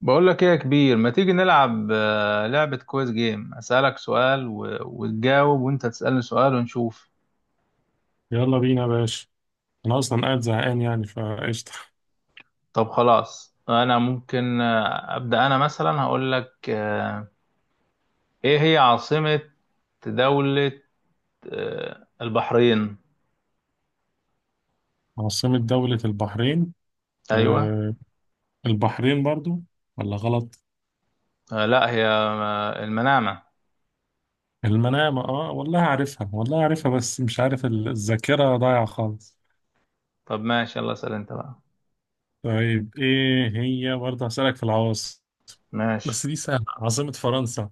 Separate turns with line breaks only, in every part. بقول لك ايه يا كبير، ما تيجي نلعب لعبة كويس جيم؟ اسألك سؤال وتجاوب، وانت تسألني سؤال ونشوف.
يلا بينا يا باشا. انا اصلا قاعد زهقان يعني فقشطه.
طب خلاص، انا ممكن ابدأ. انا مثلا هقول لك ايه هي عاصمة دولة البحرين؟
عاصمة دولة البحرين؟
ايوه.
أه، البحرين برضو ولا غلط؟
لا، هي المنامة.
المنامة، اه والله عارفها، والله عارفها بس مش عارف الذاكرة ضايعة خالص.
طب ماشي، يلا اسأل انت بقى.
طيب، ايه هي برضه، هسألك في العواصم
ماشي.
بس دي سهلة، عاصمة فرنسا؟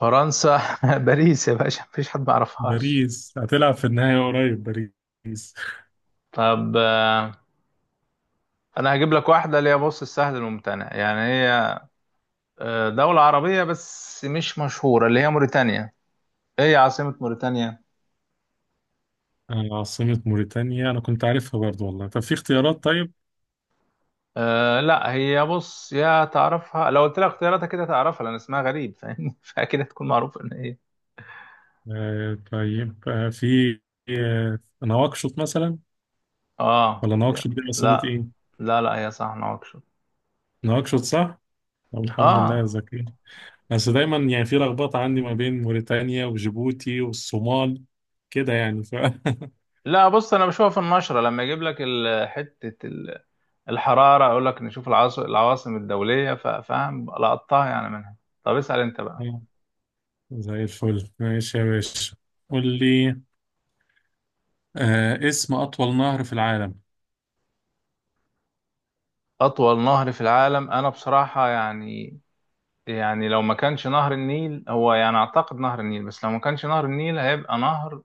فرنسا باريس يا باشا، مفيش حد ما يعرفهاش.
باريس هتلعب في النهاية قريب. باريس.
طب انا هجيب لك واحدة اللي هي، بص، السهل الممتنع. يعني هي دولة عربية بس مش مشهورة، اللي هي موريتانيا. ايه هي عاصمة موريتانيا؟
عاصمة موريتانيا، انا كنت عارفها برضو والله، طب في اختيارات؟ طيب
لا، هي بص، يا تعرفها لو قلت لها اختياراتها كده تعرفها لان اسمها غريب، فاهمني فاكيد هتكون معروفة ان هي.
أه، طيب أه في نواكشوط مثلا،
اه
ولا
هي-
نواكشوط دي عاصمة
لا
ايه؟
لا لا، هي صح، نواكشوط.
نواكشوط صح؟ طب الحمد لله يا
اه
زكي. بس دايما يعني في لخبطة عندي ما بين موريتانيا وجيبوتي والصومال كده يعني
لا بص، انا بشوفها في النشرة لما يجيب لك حتة الحرارة، اقول لك نشوف العواصم الدولية، فاهم لقطتها يعني منها. طب اسأل انت بقى.
زي الفل، ماشي يا باشا. قول لي، آه اسم أطول نهر في العالم؟
اطول نهر في العالم، انا بصراحة يعني لو ما كانش نهر النيل هو، يعني اعتقد نهر النيل، بس لو ما كانش نهر النيل هيبقى نهر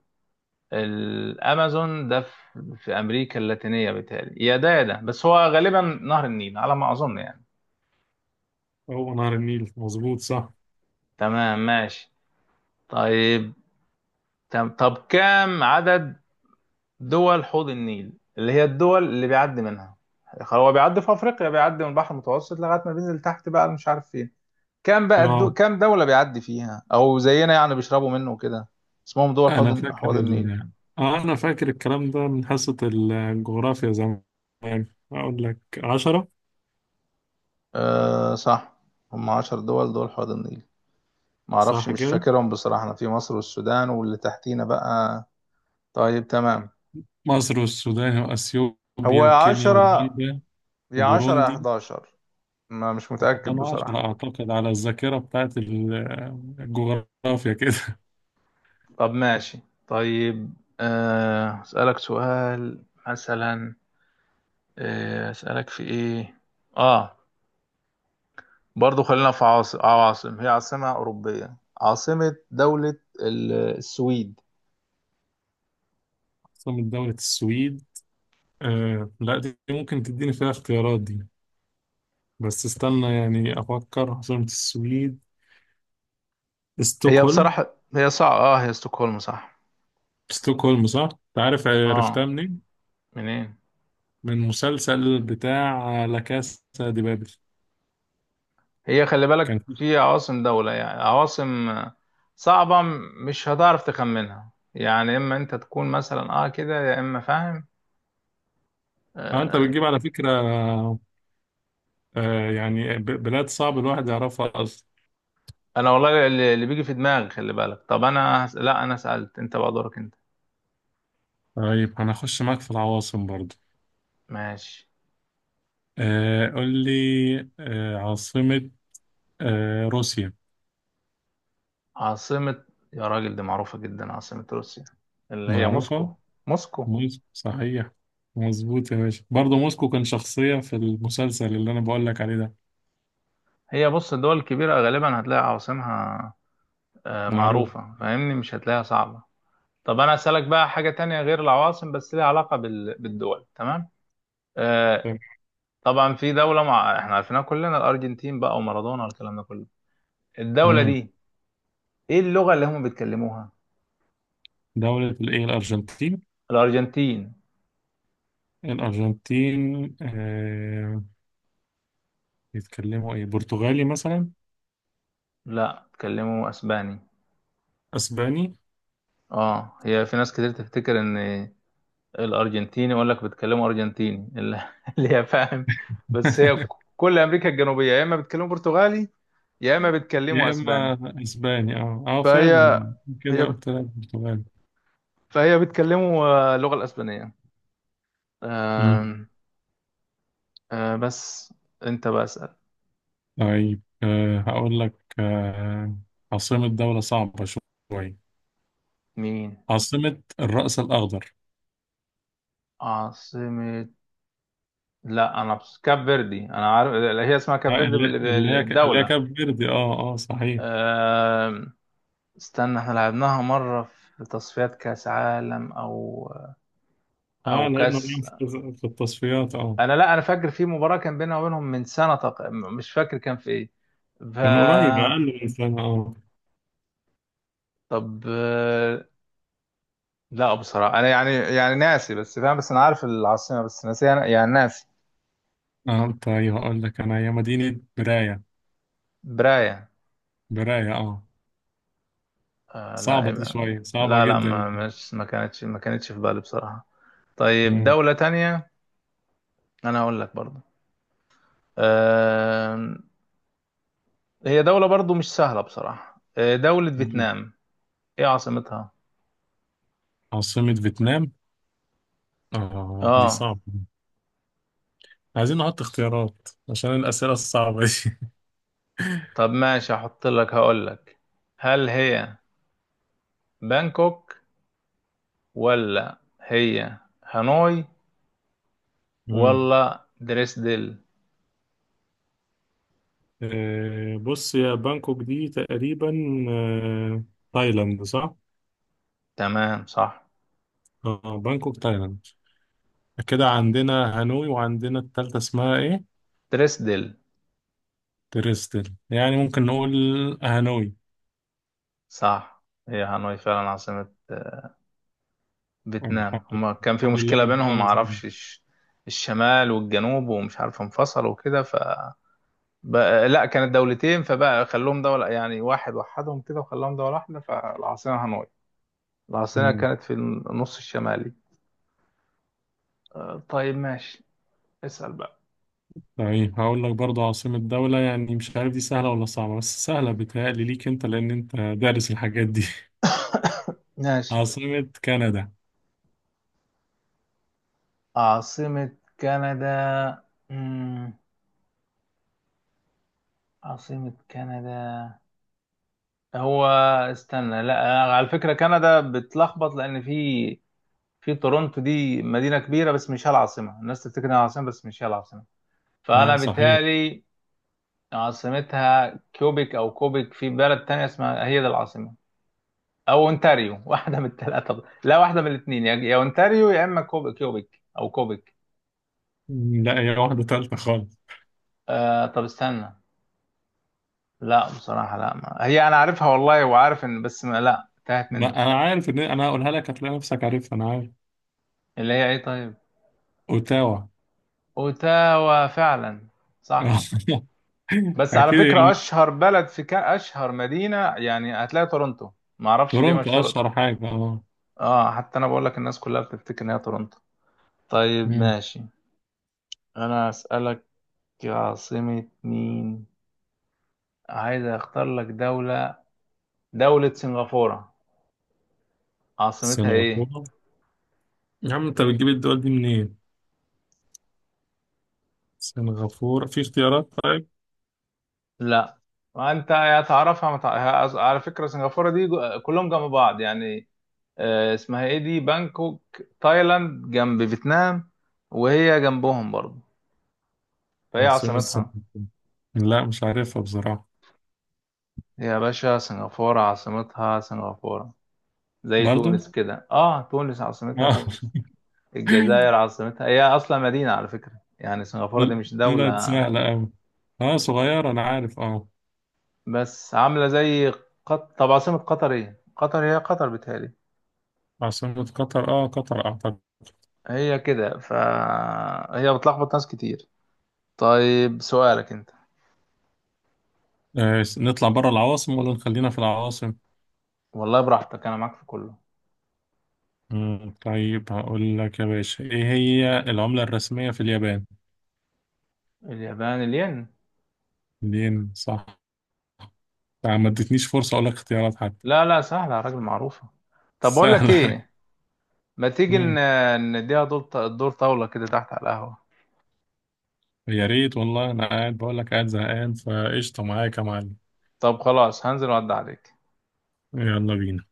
الامازون، ده في امريكا اللاتينيه، بالتالي يا ده يا ده، بس هو غالبا نهر النيل على ما اظن يعني.
هو نهر النيل، مظبوط صح؟
تمام ماشي. طيب. طب كام عدد دول حوض النيل، اللي هي الدول اللي بيعدي منها. هو بيعدي في افريقيا، بيعدي من البحر المتوسط لغايه ما بينزل تحت، بقى مش عارف فين. كام بقى
اه،
كام دوله بيعدي فيها او زينا، يعني بيشربوا منه وكده. اسمهم دول
أنا
حوض
فاكر
حوض النيل.
آه أنا فاكر الكلام ده من حصة الجغرافيا زمان. أقول لك عشرة.
أه صح. هم 10 دول دول حوض النيل. معرفش،
صح
مش
كده،
فاكرهم بصراحة. أنا في مصر والسودان واللي تحتينا بقى. طيب تمام.
مصر والسودان وأثيوبيا
هو يا
وكينيا
10
ورواندا
يا
وبوروندي.
11. ما مش متأكد
كانوا عشرة
بصراحة.
أعتقد، على الذاكرة بتاعت الجغرافيا كده.
طب ماشي. طيب. أسألك سؤال مثلا. أسألك في إيه، آه برضو خلينا في عواصم. هي عاصمة أوروبية، عاصمة دولة السويد.
عاصمة دولة السويد؟ آه لا، دي ممكن تديني فيها اختيارات، دي بس استنى يعني أفكر. عاصمة السويد
هي
ستوكهولم.
بصراحة هي صعبة، هي ستوكهولم، صح.
ستوكهولم صح؟ أنت عارف، عرفتها
آه
منين؟
منين؟
من مسلسل بتاع لا كاسا دي بابل.
هي خلي
كان
بالك،
في
في عواصم دولة يعني، عواصم صعبة، مش هتعرف تخمنها يعني، اما انت تكون مثلا كده يا اما فاهم.
آه، أنت
آه
بتجيب على فكرة آه يعني بلاد صعب الواحد يعرفها أصلا.
انا والله، اللي بيجي في دماغي خلي بالك. طب انا لا، انا سألت، انت بقى دورك انت.
طيب هنخش معاك في العواصم برضو.
ماشي.
آه قول لي، آه عاصمة آه روسيا؟
عاصمة يا راجل، دي معروفة جدا، عاصمة روسيا اللي هي موسكو.
معروفة.
موسكو.
موسكو صحيح، مظبوط يا باشا. برضه موسكو كان شخصية في المسلسل اللي أنا بقول لك عليه ده،
هي بص، الدول الكبيرة غالبا هتلاقي عواصمها
معروف.
معروفة، فاهمني، مش هتلاقيها صعبة. طب انا اسالك بقى حاجه تانية غير العواصم، بس ليها علاقه بالدول، تمام. آه طبعا في احنا عارفينها كلنا، الارجنتين بقى، ومارادونا والكلام ده كله. الدوله
مم.
دي، ايه اللغه اللي هم بيتكلموها؟
دولة الإيه، الأرجنتين؟
الارجنتين.
الأرجنتين آه، بيتكلموا إيه، برتغالي مثلا؟
لا، بيتكلموا اسباني.
أسباني؟
اه هي في ناس كتير تفتكر ان الارجنتيني يقول لك بيتكلموا ارجنتيني اللي هي فاهم. بس هي كل امريكا الجنوبيه يا اما بيتكلموا برتغالي، يا اما بيتكلموا
يا
اسباني.
إما أسباني، أه أه
فهي
فعلا. كده
هي بت...
قلت لك برتغالي.
فهي بيتكلموا اللغه الاسبانيه. آم، بس انت بسأل.
طيب أه هقول لك أه، عاصمة دولة صعبة شوية،
مين؟
عاصمة الرأس الأخضر.
عاصمة لا، انا بس كاب فيردي انا عارف. هي اسمها
آه،
كاب فيردي
اللي اللي هي اللي هي
بالدولة.
كاب فيردي، اه اه صحيح.
آم، استنى، احنا لعبناها مرة في تصفيات كاس عالم، او
اه لعبنا
كاس.
معاهم في التصفيات اه،
انا، لا انا فاكر في مباراة كان بينها وبينهم من سنة مش فاكر كان في ايه ف
من قريب أقل من سنة اه.
طب لا بصراحة، انا يعني ناسي، بس فاهم، بس انا عارف العاصمة بس ناسي يعني، ناسي.
اه طيب هقول لك أنا، هي مدينة براية.
براية؟
براية اه.
لا،
صعبة دي،
يبقى.
شوية صعبة
لا لا،
جدا
ما
يعني.
مش ما كانتش ما كانتش في بالي بصراحة. طيب
مم.
دولة تانية. أنا هقول لك برضو، آه هي دولة برضو مش سهلة بصراحة، دولة
مم.
فيتنام. إيه عاصمتها؟
عاصمة فيتنام؟ اه دي
آه
صعبة، عايزين نحط اختيارات عشان الأسئلة الصعبة
طب ماشي، هحط لك، هقول لك. هل هي بانكوك، ولا هي هانوي،
دي.
ولا دريسدل؟
آه، بص يا، بانكوك دي تقريبا آه، تايلاند صح؟
تمام صح.
اه بانكوك تايلاند. كده عندنا هانوي وعندنا التالتة اسمها ايه؟
دريسدل
تريستل؟ يعني ممكن نقول هانوي.
صح، هي هانوي فعلا عاصمة
الحمد
فيتنام.
لله،
هما كان في
الحمد لله
مشكلة بينهم،
ربنا نزلنا.
معرفش الشمال والجنوب، ومش عارف انفصلوا وكده، بقى، لا كانت دولتين، فبقى خلوهم دولة، يعني واحد، وحدهم كده وخلاهم دولة واحدة، فالعاصمة هانوي. العاصمة
مم.
كانت في النص الشمالي. طيب ماشي، اسأل بقى.
طيب هقول لك برضه، عاصمة دولة يعني مش عارف دي سهلة ولا صعبة، بس سهلة بتهيألي ليك انت لأن انت دارس الحاجات دي.
ماشي.
عاصمة كندا؟
عاصمة كندا. مم. عاصمة كندا. هو استنى، لا على فكرة كندا بتلخبط، لأن في تورونتو، دي مدينة كبيرة بس مش هي العاصمة، الناس تفتكر انها العاصمة بس مش هي العاصمة. فأنا
اه صحيح.
بالتالي عاصمتها كيوبيك أو كوبيك، في بلد تانية اسمها، هي دي العاصمة، أو أونتاريو واحدة من الثلاثة، لا واحدة من الاثنين، يا أونتاريو يا إما كيوبيك أو كوبيك.
مم، لا هي واحدة تالتة خالص.
طب استنى، لا بصراحة لا ما. هي أنا عارفها والله، وعارف إن، بس ما لا تاهت
ما
مني.
انا عارف ان انا هقولها لك هتلاقي نفسك عارفها، انا عارف.
اللي هي إيه؟ طيب.
اوتاوا.
أوتاوا فعلا، صح. بس
اكيد
على فكرة
يعني.
أشهر بلد في أشهر مدينة يعني هتلاقي تورنتو. معرفش ليه
تورونتو
مشهورة.
اشهر حاجه اه.
حتى أنا بقول لك، الناس كلها بتفتكر إن هي تورنتو. طيب
مم.
ماشي. أنا أسألك عاصمة مين، عايز أختار لك دولة، دولة سنغافورة، عاصمتها إيه؟
سنغافوره؟ يا عم انت بتجيب الدول دي منين؟ سنغافوره في اختيارات؟ طيب،
لا. وأنت يا تعرفها ما على فكرة سنغافورة دي كلهم جنب بعض يعني. اسمها إيه دي، بانكوك تايلاند جنب فيتنام، وهي جنبهم برضه، فهي
عاصمة
عاصمتها.
سنغافورة، لا مش عارفها بصراحه.
يا باشا سنغافورة عاصمتها سنغافورة، زي
برضو
تونس كده، تونس عاصمتها
اه.
تونس. الجزائر عاصمتها، هي اصلا مدينة على فكرة، يعني سنغافورة دي مش
طلعت
دولة
سهله قوي. اه صغيره انا عارف اه.
بس عاملة زي طب عاصمة قطر ايه، قطر هي قطر بتهيألي،
عاصمة قطر؟ اه قطر اعتقد.
هي كده، فهي بتلخبط ناس كتير. طيب، سؤالك انت.
آه نطلع بره العواصم ولا نخلينا في العواصم؟
والله براحتك، انا معاك في كله.
مم، طيب هقول لك يا باشا، ايه هي العملة الرسمية في اليابان؟
اليابان، الين.
الين صح؟ آه، ما ادتنيش فرصة أقول لك اختيارات حتى.
لا لا، سهلة يا راجل، معروفة. طب بقول لك
سهلة.
ايه، ما تيجي
مم.
نديها دور، الدور طاولة كده تحت على القهوة.
يا ريت والله، أنا قاعد بقول لك قاعد زهقان فقشطة معاك يا معلم.
طب خلاص، هنزل وعد عليك.
يلا بينا.